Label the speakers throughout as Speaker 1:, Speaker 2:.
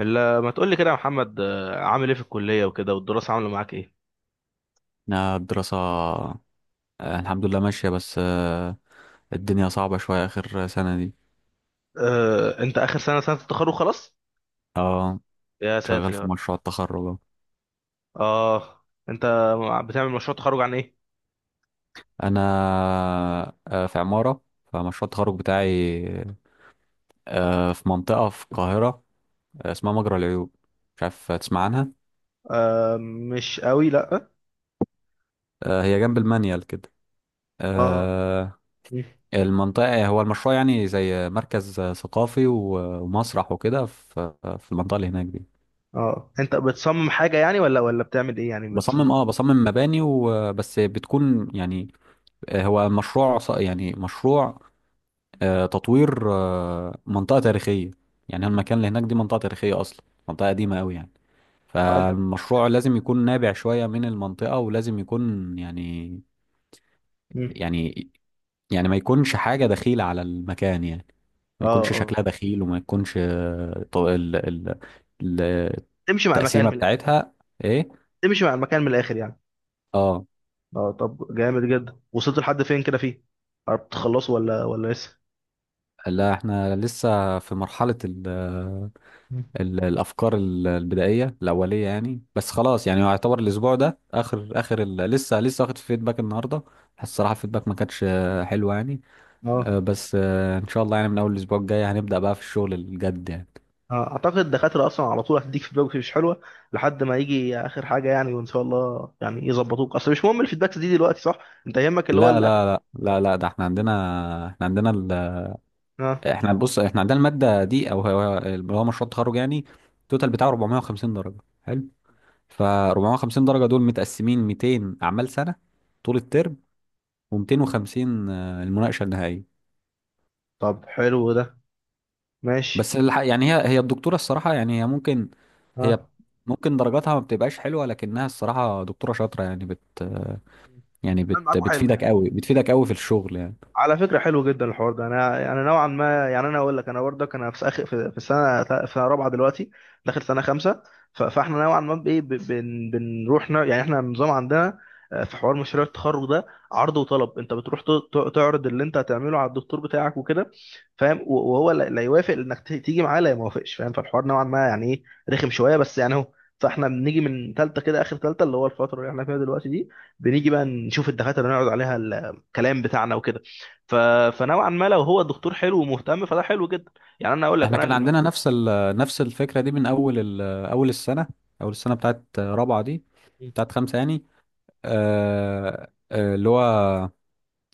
Speaker 1: الا ما تقول لي كده يا محمد، عامل ايه في الكليه وكده، والدراسه عامله معاك ايه؟
Speaker 2: أنا الدراسة الحمد لله ماشية بس، الدنيا صعبة شوية آخر سنة دي.
Speaker 1: أه، انت اخر سنه، سنه التخرج خلاص؟
Speaker 2: اه،
Speaker 1: يا
Speaker 2: شغال
Speaker 1: ساتر يا
Speaker 2: في
Speaker 1: رب.
Speaker 2: مشروع التخرج أهو.
Speaker 1: اه، انت بتعمل مشروع تخرج عن ايه؟
Speaker 2: أنا في عمارة، فمشروع التخرج بتاعي في منطقة في القاهرة، اسمها مجرى العيون. مش عارف تسمع عنها.
Speaker 1: مش قوي، لا.
Speaker 2: هي جنب المنيل كده.
Speaker 1: اه.
Speaker 2: آه،
Speaker 1: مم.
Speaker 2: المنطقة، هو المشروع يعني زي مركز ثقافي ومسرح وكده في المنطقة اللي هناك دي.
Speaker 1: اه، انت بتصمم حاجه يعني، ولا بتعمل ايه يعني؟
Speaker 2: بصمم،
Speaker 1: بتصمم؟
Speaker 2: اه، مباني وبس، بتكون يعني هو مشروع يعني مشروع تطوير منطقة تاريخية. يعني المكان اللي هناك دي منطقة تاريخية أصلا، منطقة
Speaker 1: اه.
Speaker 2: قديمة أوي يعني.
Speaker 1: انت
Speaker 2: فالمشروع
Speaker 1: بتعمل
Speaker 2: لازم
Speaker 1: حاجه.
Speaker 2: يكون نابع شوية من المنطقة، ولازم يكون
Speaker 1: مم.
Speaker 2: يعني يعني ما يكونش حاجة دخيلة على المكان يعني.
Speaker 1: اه.
Speaker 2: ما يكونش
Speaker 1: اه،
Speaker 2: شكلها دخيل، وما يكونش ال-
Speaker 1: تمشي مع المكان
Speaker 2: التقسيمة
Speaker 1: من الاخر.
Speaker 2: بتاعتها إيه.
Speaker 1: تمشي مع المكان من الاخر يعني.
Speaker 2: اه،
Speaker 1: اه، طب جامد جدا. وصلت لحد فين كده فيه؟ قربت تخلصه ولا لسه؟
Speaker 2: لا احنا لسه في مرحلة
Speaker 1: مم.
Speaker 2: الافكار البدائيه الاوليه يعني، بس خلاص يعني هو يعتبر الاسبوع ده اخر لسه، واخد فيدباك النهارده. الصراحه الفيدباك ما كانتش حلو يعني،
Speaker 1: اه.
Speaker 2: بس ان شاء الله يعني من اول الاسبوع الجاي هنبدا بقى في الشغل الجد يعني.
Speaker 1: اعتقد الدكاتره اصلا على طول هتديك فيدباك مش حلوه، لحد ما يجي اخر حاجه يعني، وان شاء الله يعني يظبطوك. اصل مش مهم الفيدباكس دي دلوقتي، صح؟ انت يهمك اللي هو
Speaker 2: لا
Speaker 1: الاخر.
Speaker 2: لا لا لا لا، ده احنا عندنا، احنا عندنا ال...
Speaker 1: اه.
Speaker 2: احنا بص احنا عندنا الماده دي، او هو اللي هو مشروع التخرج يعني. التوتال بتاعه 450 درجه. حلو. ف 450 درجه دول متقسمين 200 اعمال سنه طول الترم، و250 المناقشه النهائيه.
Speaker 1: طب حلو ده.
Speaker 2: بس
Speaker 1: ماشي.
Speaker 2: يعني هي الدكتورة الصراحة، يعني هي
Speaker 1: اه،
Speaker 2: ممكن درجاتها ما بتبقاش حلوة، لكنها الصراحة دكتورة شاطرة يعني بت،
Speaker 1: عامل معاكوا حلو
Speaker 2: بتفيدك
Speaker 1: يعني.
Speaker 2: قوي، بتفيدك قوي في الشغل يعني.
Speaker 1: على فكرة حلو جدا الحوار ده. انا نوعا ما، يعني انا اقول لك انا برضك، انا في اخر، في السنة، في رابعة دلوقتي، داخل سنة خمسة. فاحنا نوعا ما بايه، بنروح يعني احنا النظام عندنا، في حوار مشروع التخرج ده، عرض وطلب. انت بتروح تعرض اللي انت هتعمله على الدكتور بتاعك وكده، فاهم؟ وهو لا لا يوافق، انك تيجي معاه، لا يوافقش فاهم؟ فالحوار نوعا ما يعني ايه، رخم شوية بس يعني اهو. فاحنا بنيجي من ثالثه كده، اخر ثالثه، اللي هو الفتره اللي احنا فيها دلوقتي دي، بنيجي بقى نشوف الدكاتره اللي نقعد عليها الكلام بتاعنا وكده. ف... فنوعا ما لو هو الدكتور حلو ومهتم، فده حلو جدا. يعني انا اقول لك
Speaker 2: احنا
Speaker 1: انا
Speaker 2: كان
Speaker 1: المج...
Speaker 2: عندنا نفس الفكرة دي من أول السنة، أول السنة بتاعت رابعة دي،
Speaker 1: مم.
Speaker 2: بتاعت خمسة يعني. اللي هو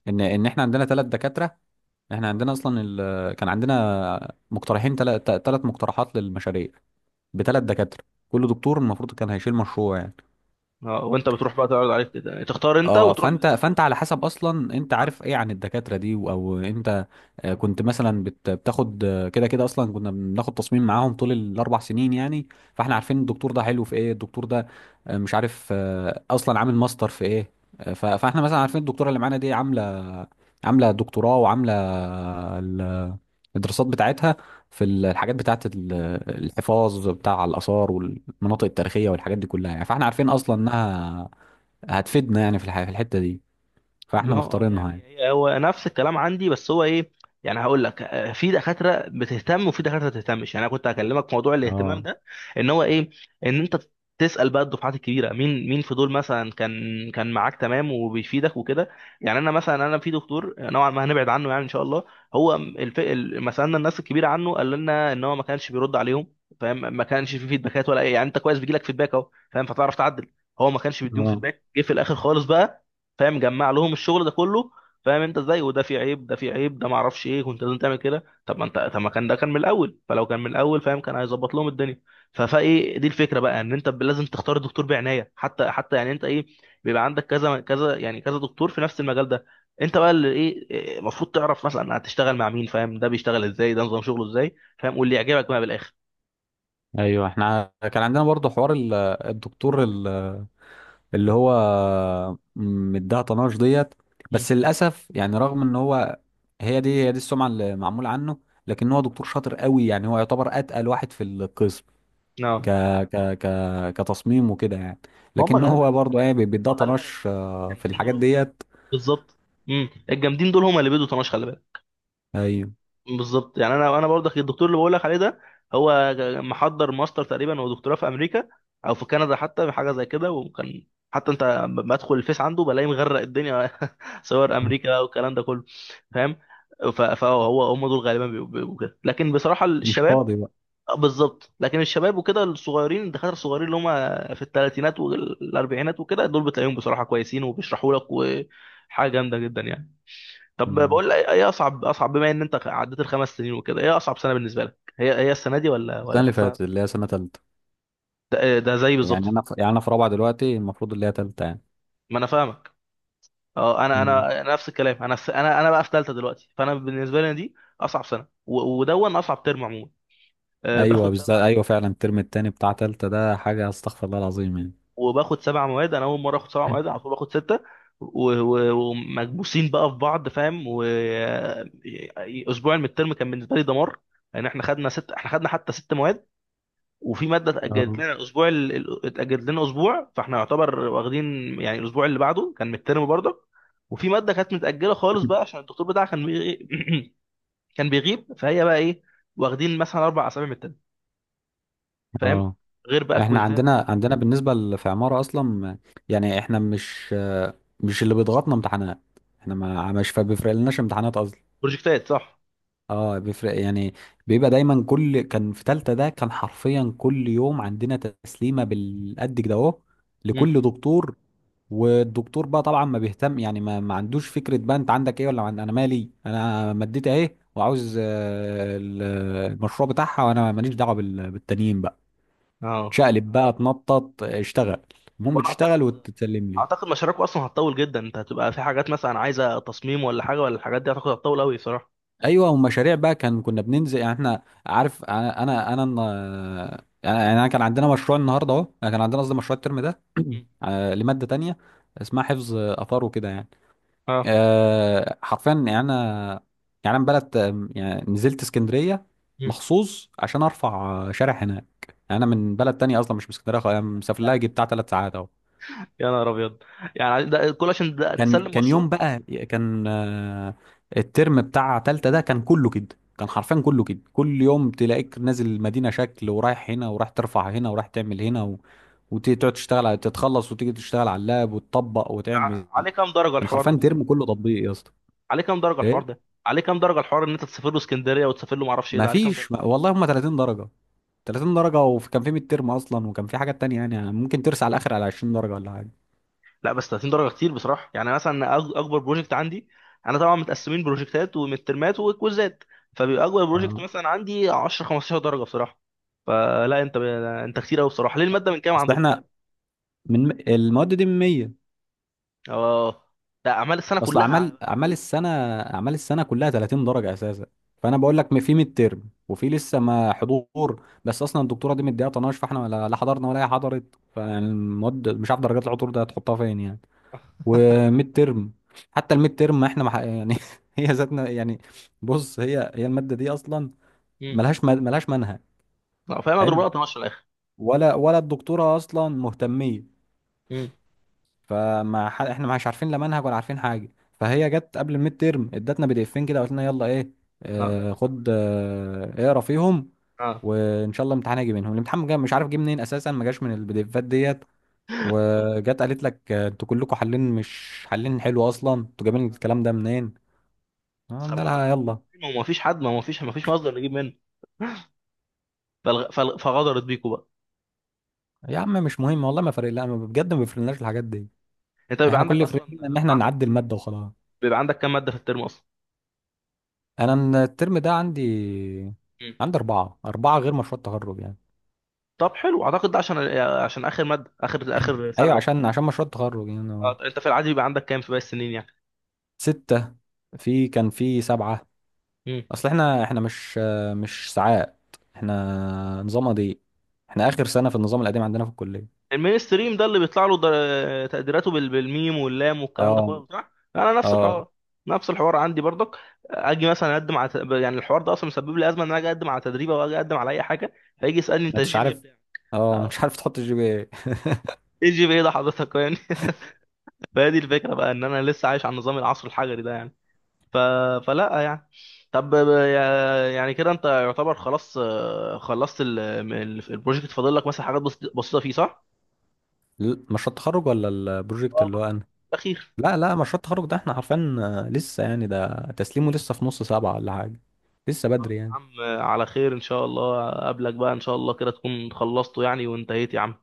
Speaker 2: إن احنا عندنا ثلاث دكاترة. احنا
Speaker 1: اه.
Speaker 2: عندنا أصلا كان عندنا مقترحين، ثلاث مقترحات للمشاريع بثلاث دكاترة، كل دكتور المفروض كان هيشيل مشروع يعني.
Speaker 1: وانت بتروح بقى تعرض عليك كده، تختار انت
Speaker 2: اه،
Speaker 1: وتروح
Speaker 2: فانت
Speaker 1: للدكتور
Speaker 2: فانت
Speaker 1: ده.
Speaker 2: على حسب اصلا انت
Speaker 1: اه.
Speaker 2: عارف ايه عن الدكاتره دي، او انت كنت مثلا بتاخد كده كده اصلا كنا بناخد تصميم معاهم طول الاربع سنين يعني. فاحنا عارفين الدكتور ده حلو في ايه، الدكتور ده مش عارف اصلا عامل ماستر في ايه. فاحنا مثلا عارفين الدكتوره اللي معانا دي عامله، دكتوراه، وعامله ال- الدراسات بتاعتها في الحاجات بتاعت الحفاظ بتاع الاثار والمناطق التاريخيه والحاجات دي كلها يعني، فاحنا عارفين
Speaker 1: مم.
Speaker 2: اصلا انها هتفيدنا يعني في في الحته دي، فاحنا
Speaker 1: ما هو
Speaker 2: مختارينها
Speaker 1: يعني
Speaker 2: يعني.
Speaker 1: إيه، هو نفس الكلام عندي، بس هو ايه، يعني هقول لك، في دكاتره بتهتم وفي دكاتره ما بتهتمش. يعني انا كنت هكلمك في موضوع الاهتمام
Speaker 2: اه،
Speaker 1: ده، ان هو ايه، ان انت تسال بقى الدفعات الكبيره، مين مين في دول مثلا كان، كان معاك تمام وبيفيدك وكده. يعني انا مثلا انا في دكتور نوعا ما هنبعد عنه يعني، ان شاء الله. هو مثلا الناس الكبيره عنه قال لنا ان هو ما كانش بيرد عليهم، فاهم؟ ما كانش في فيدباكات ولا اي، يعني انت كويس بيجي لك فيدباك اهو، فاهم؟ فتعرف تعدل. هو ما كانش بيديهم
Speaker 2: اه،
Speaker 1: فيدباك، جه في الاخر خالص بقى، فاهم؟ جمع لهم الشغل ده كله، فاهم انت ازاي؟ وده في عيب، ده في عيب، ده ما اعرفش ايه. كنت لازم تعمل كده. طب ما انت، طب ما كان ده كان من الاول. فلو كان من الاول، فاهم، كان هيظبط لهم الدنيا. فايه دي الفكره بقى، ان انت لازم تختار الدكتور بعنايه، حتى حتى يعني انت ايه، بيبقى عندك كذا كذا، يعني كذا دكتور في نفس المجال ده. انت بقى اللي ايه، ايه، المفروض تعرف مثلا هتشتغل مع مين، فاهم؟ ده بيشتغل ازاي، ده نظام شغله ازاي، فاهم؟ واللي يعجبك بقى بالاخر.
Speaker 2: ايوه، احنا كان عندنا برضو حوار الدكتور اللي هو مديها طناش ديت.
Speaker 1: مم.
Speaker 2: بس للاسف يعني، رغم ان هو هي دي السمعه اللي معموله عنه، لكن هو دكتور شاطر قوي يعني، هو يعتبر اتقل واحد في القسم ك
Speaker 1: اه.
Speaker 2: ك ك كتصميم وكده يعني.
Speaker 1: ما هم
Speaker 2: لكن
Speaker 1: غالبا،
Speaker 2: هو برضو ايه، بيديها
Speaker 1: هم غالبا
Speaker 2: طناش في
Speaker 1: الجامدين
Speaker 2: الحاجات
Speaker 1: دول.
Speaker 2: ديت.
Speaker 1: بالظبط. مم. الجامدين دول هم اللي بيدوا طناش، خلي بالك.
Speaker 2: ايوه
Speaker 1: بالظبط. يعني انا برضه الدكتور اللي بقول لك عليه ده، هو محضر ماستر تقريبا ودكتوراه في امريكا، او في كندا، حتى حاجه زي كده. وكان، حتى انت لما ادخل الفيس عنده بلاقيه مغرق الدنيا صور امريكا والكلام ده كله، فاهم؟ فهو، هم دول غالبا بيبقوا كده. لكن بصراحه
Speaker 2: مش
Speaker 1: الشباب،
Speaker 2: فاضي بقى.
Speaker 1: بالظبط، لكن الشباب وكده، الصغيرين، الدكاتره الصغيرين اللي هم في الثلاثينات والاربعينات وكده، دول بتلاقيهم بصراحه كويسين وبيشرحوا لك، وحاجه جامده جدا يعني. طب
Speaker 2: مم.
Speaker 1: بقول لك ايه، اصعب بما ان انت عديت الخمس سنين وكده، ايه اصعب سنه بالنسبه لك؟ هي هي السنه دي ولا
Speaker 2: السنه
Speaker 1: ولا
Speaker 2: اللي
Speaker 1: كانت
Speaker 2: فاتت
Speaker 1: سنه،
Speaker 2: اللي هي سنه ثالثه،
Speaker 1: ده زي
Speaker 2: يعني
Speaker 1: بالظبط.
Speaker 2: انا في، رابعه دلوقتي المفروض اللي هي ثالثه.
Speaker 1: ما انا فاهمك. اه، انا
Speaker 2: مم.
Speaker 1: انا نفس الكلام. انا انا بقى في ثالثه دلوقتي، فانا بالنسبه لي دي اصعب سنه، ودون اصعب ترم عموما. آه،
Speaker 2: ايوه
Speaker 1: باخد
Speaker 2: بالظبط،
Speaker 1: سبع
Speaker 2: ايوه فعلا الترم التاني بتاع تالتة ده حاجة استغفر الله العظيم يعني.
Speaker 1: وباخد سبع مواد. انا اول مره اخد سبع مواد على طول. باخد سته، ومكبوسين بقى في بعض، فاهم؟ واسبوع من الترم كان بالنسبه لي دمار، لان يعني احنا خدنا ست، احنا خدنا حتى ست مواد. وفي ماده اتاجلت
Speaker 2: اه.
Speaker 1: لنا الاسبوع، اتاجلت لنا اسبوع. فاحنا يعتبر واخدين، يعني الاسبوع اللي بعده كان مترم برضه. وفي ماده كانت متاجله خالص بقى عشان الدكتور بتاعها كان بيغي... كان بيغيب. فهي بقى ايه، واخدين مثلا اربع اسابيع من الترم، فاهم؟
Speaker 2: اه.
Speaker 1: غير بقى
Speaker 2: احنا
Speaker 1: كويزات.
Speaker 2: عندنا بالنسبة في عمارة اصلا، يعني احنا مش اللي بيضغطنا امتحانات، احنا ما مش فبيفرق لناش امتحانات اصلا.
Speaker 1: بروجكتات، صح.
Speaker 2: اه، بيفرق يعني. بيبقى دايما كان في تالتة ده كان حرفيا كل يوم عندنا تسليمة بالقد كده اهو،
Speaker 1: مم.
Speaker 2: لكل دكتور. والدكتور بقى طبعا ما بيهتم يعني، ما عندوش فكرة بقى انت عندك ايه ولا انا مالي، انا مديت اهي وعاوز المشروع بتاعها، وانا ماليش دعوة بالتانيين بقى.
Speaker 1: اه.
Speaker 2: تشقلب بقى، تنطط، اشتغل، المهم
Speaker 1: وانا
Speaker 2: تشتغل
Speaker 1: اعتقد
Speaker 2: وتتسلم لي.
Speaker 1: اعتقد مشاريعكم اصلا هتطول جدا. انت هتبقى في حاجات مثلا عايزه تصميم ولا حاجه، ولا الحاجات دي هتاخد، هتطول قوي صراحه.
Speaker 2: ايوه، ومشاريع بقى كنا بننزل يعني، احنا عارف انا، يعني انا كان عندنا مشروع النهارده اهو، يعني كان عندنا قصدي مشروع الترم ده
Speaker 1: مم.
Speaker 2: لماده تانية اسمها حفظ اثار وكده يعني.
Speaker 1: اه.
Speaker 2: حرفيا يعني انا، يعني انا بلد يعني نزلت اسكندريه
Speaker 1: مم.
Speaker 2: مخصوص عشان ارفع شارع هناك. يعني انا من بلد تانية اصلا مش من اسكندريه خالص، انا
Speaker 1: يا لهوي
Speaker 2: مسافر لها
Speaker 1: يعني.
Speaker 2: جي بتاع 3 ساعات اهو.
Speaker 1: يا نهار ابيض، يعني ده كل عشان ده
Speaker 2: كان
Speaker 1: تسلم
Speaker 2: كان يوم
Speaker 1: مشروع؟
Speaker 2: بقى. كان الترم بتاع تالتة ده كان كله كده. كان حرفيا كله كده، كل يوم تلاقيك نازل المدينة شكل ورايح هنا، ورايح ترفع هنا، ورايح تعمل هنا وتقعد تشتغل على تتخلص، وتيجي تشتغل على اللاب وتطبق وتعمل.
Speaker 1: عليه كام درجه
Speaker 2: كان
Speaker 1: الحوار
Speaker 2: حرفيا
Speaker 1: ده؟
Speaker 2: ترم كله تطبيق يا اسطى.
Speaker 1: عليه كام درجه الحوار
Speaker 2: ايه،
Speaker 1: ده؟ عليه كام درجه الحوار ان انت تسافر له اسكندريه وتسافر له ما اعرفش ايه، ده عليه كام درجه؟
Speaker 2: مفيش ما... والله هم 30 درجة، 30 درجة، وكان في ميد ترم اصلا وكان في حاجات تانية، يعني ممكن ترسى على الاخر على 20 درجة ولا حاجة.
Speaker 1: لا بس 30 درجه كتير بصراحه. يعني مثلا اكبر بروجكت عندي، انا طبعا متقسمين بروجكتات ومترمات وكويزات، فبيبقى اكبر بروجكت
Speaker 2: آه.
Speaker 1: مثلا عندي 10 15 درجه بصراحه. فلا انت انت كتير قوي بصراحه. ليه الماده من كام
Speaker 2: اصل
Speaker 1: عندكم؟
Speaker 2: احنا من المواد دي من 100.
Speaker 1: اه، ده اعمال السنه
Speaker 2: اصل
Speaker 1: كلها على-
Speaker 2: اعمال السنه كلها 30 درجه اساسا. فانا بقول لك في ميد ترم، وفي لسه ما حضور، بس اصلا الدكتوره دي مديها طناش، فاحنا لا حضرنا ولا هي حضرت، فالمواد مش عارف درجات العطور ده هتحطها فين يعني. وميد ترم، حتى الميد ترم ما احنا، ما ح- يعني هي ذاتنا يعني. بص هي الماده دي اصلا
Speaker 1: مم.
Speaker 2: ملهاش، ملهاش منهج.
Speaker 1: لا، فاهم. اضرب
Speaker 2: حلو.
Speaker 1: لها 12 في الاخر.
Speaker 2: ولا الدكتوره اصلا مهتميه.
Speaker 1: مم.
Speaker 2: احنا مش عارفين لا منهج ولا عارفين حاجه. فهي جت قبل الميد تيرم ادتنا PDFs كده، قلت لنا يلا ايه،
Speaker 1: اه، ده اللي يجي من
Speaker 2: خد،
Speaker 1: الامتحان.
Speaker 2: اقرا فيهم.
Speaker 1: اه.
Speaker 2: وان شاء الله امتحان هيجي منهم، الامتحان جا مش عارف جه منين اساسا، ما جاش من الPDFs ديت.
Speaker 1: الغد.
Speaker 2: وجت قالت لك انتوا كلكم حالين مش حالين، حلو اصلا انتوا جايبين الكلام ده منين،
Speaker 1: طب
Speaker 2: قلنا
Speaker 1: ما
Speaker 2: لها
Speaker 1: هو،
Speaker 2: يلا.
Speaker 1: ما هو مفيش حد، ما هو مفيش، ما فيش مصدر نجيب منه. فغدرت بيكوا بقى.
Speaker 2: يا عم مش مهم والله، ما فارق، لا ما- بجد ما بيفرقناش الحاجات دي.
Speaker 1: انت بيبقى
Speaker 2: احنا كل
Speaker 1: عندك
Speaker 2: اللي
Speaker 1: اصلا،
Speaker 2: فرقنا ان احنا
Speaker 1: بيبقى عندك،
Speaker 2: نعدي الماده وخلاص.
Speaker 1: بيبقى عندك كام ماده في الترم اصلا؟
Speaker 2: انا الترم ده
Speaker 1: مم.
Speaker 2: عندي أربعة، غير مشروع التخرج يعني.
Speaker 1: طب حلو. اعتقد ده عشان اخر ماده، اخر سنه
Speaker 2: ايوه،
Speaker 1: او.
Speaker 2: عشان مشروع التخرج يعني آه.
Speaker 1: اه، انت في العادي بيبقى عندك كام في باقي السنين يعني؟
Speaker 2: ستة. في كان في سبعة.
Speaker 1: مم.
Speaker 2: اصل احنا، مش مش ساعات، احنا نظام دي. احنا اخر سنة في النظام القديم عندنا في الكلية.
Speaker 1: المين ستريم ده اللي بيطلع له تقديراته بالميم واللام والكلام ده
Speaker 2: اه.
Speaker 1: كله بتاع، انا نفس
Speaker 2: اه،
Speaker 1: الحوار. نفس الحوار عندي برضك. اجي مثلا اقدم على يعني الحوار ده اصلا مسبب لي ازمه، ان انا اجي اقدم على تدريب، او اجي اقدم على اي حاجه، فيجي يسالني
Speaker 2: ما
Speaker 1: انت
Speaker 2: انتش
Speaker 1: الجي بي إيه
Speaker 2: عارف،
Speaker 1: بتاعك؟
Speaker 2: اه ما انتش عارف تحط الGPA.
Speaker 1: ايه جي بي ايه ده حضرتك يعني؟ فهذه الفكره بقى، ان انا لسه عايش على نظام العصر الحجري ده يعني. ف... فلا يعني. طب يا، يعني كده انت يعتبر خلاص، خلصت البروجكت، فاضل لك مثلا حاجات بسيطه فيه، صح؟
Speaker 2: مشروع التخرج ولا البروجكت
Speaker 1: اه،
Speaker 2: اللي هو
Speaker 1: الخطوة
Speaker 2: انا؟
Speaker 1: الاخير.
Speaker 2: لا لا مشروع التخرج ده احنا عارفين، لسه يعني ده تسليمه لسه في نص سبعة ولا حاجة، لسه
Speaker 1: طب يا
Speaker 2: بدري يعني.
Speaker 1: عم، على خير ان شاء الله. اقابلك بقى ان شاء الله كده تكون خلصته يعني وانتهيت، يا عم.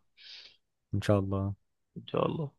Speaker 2: ان شاء الله.
Speaker 1: ان شاء الله.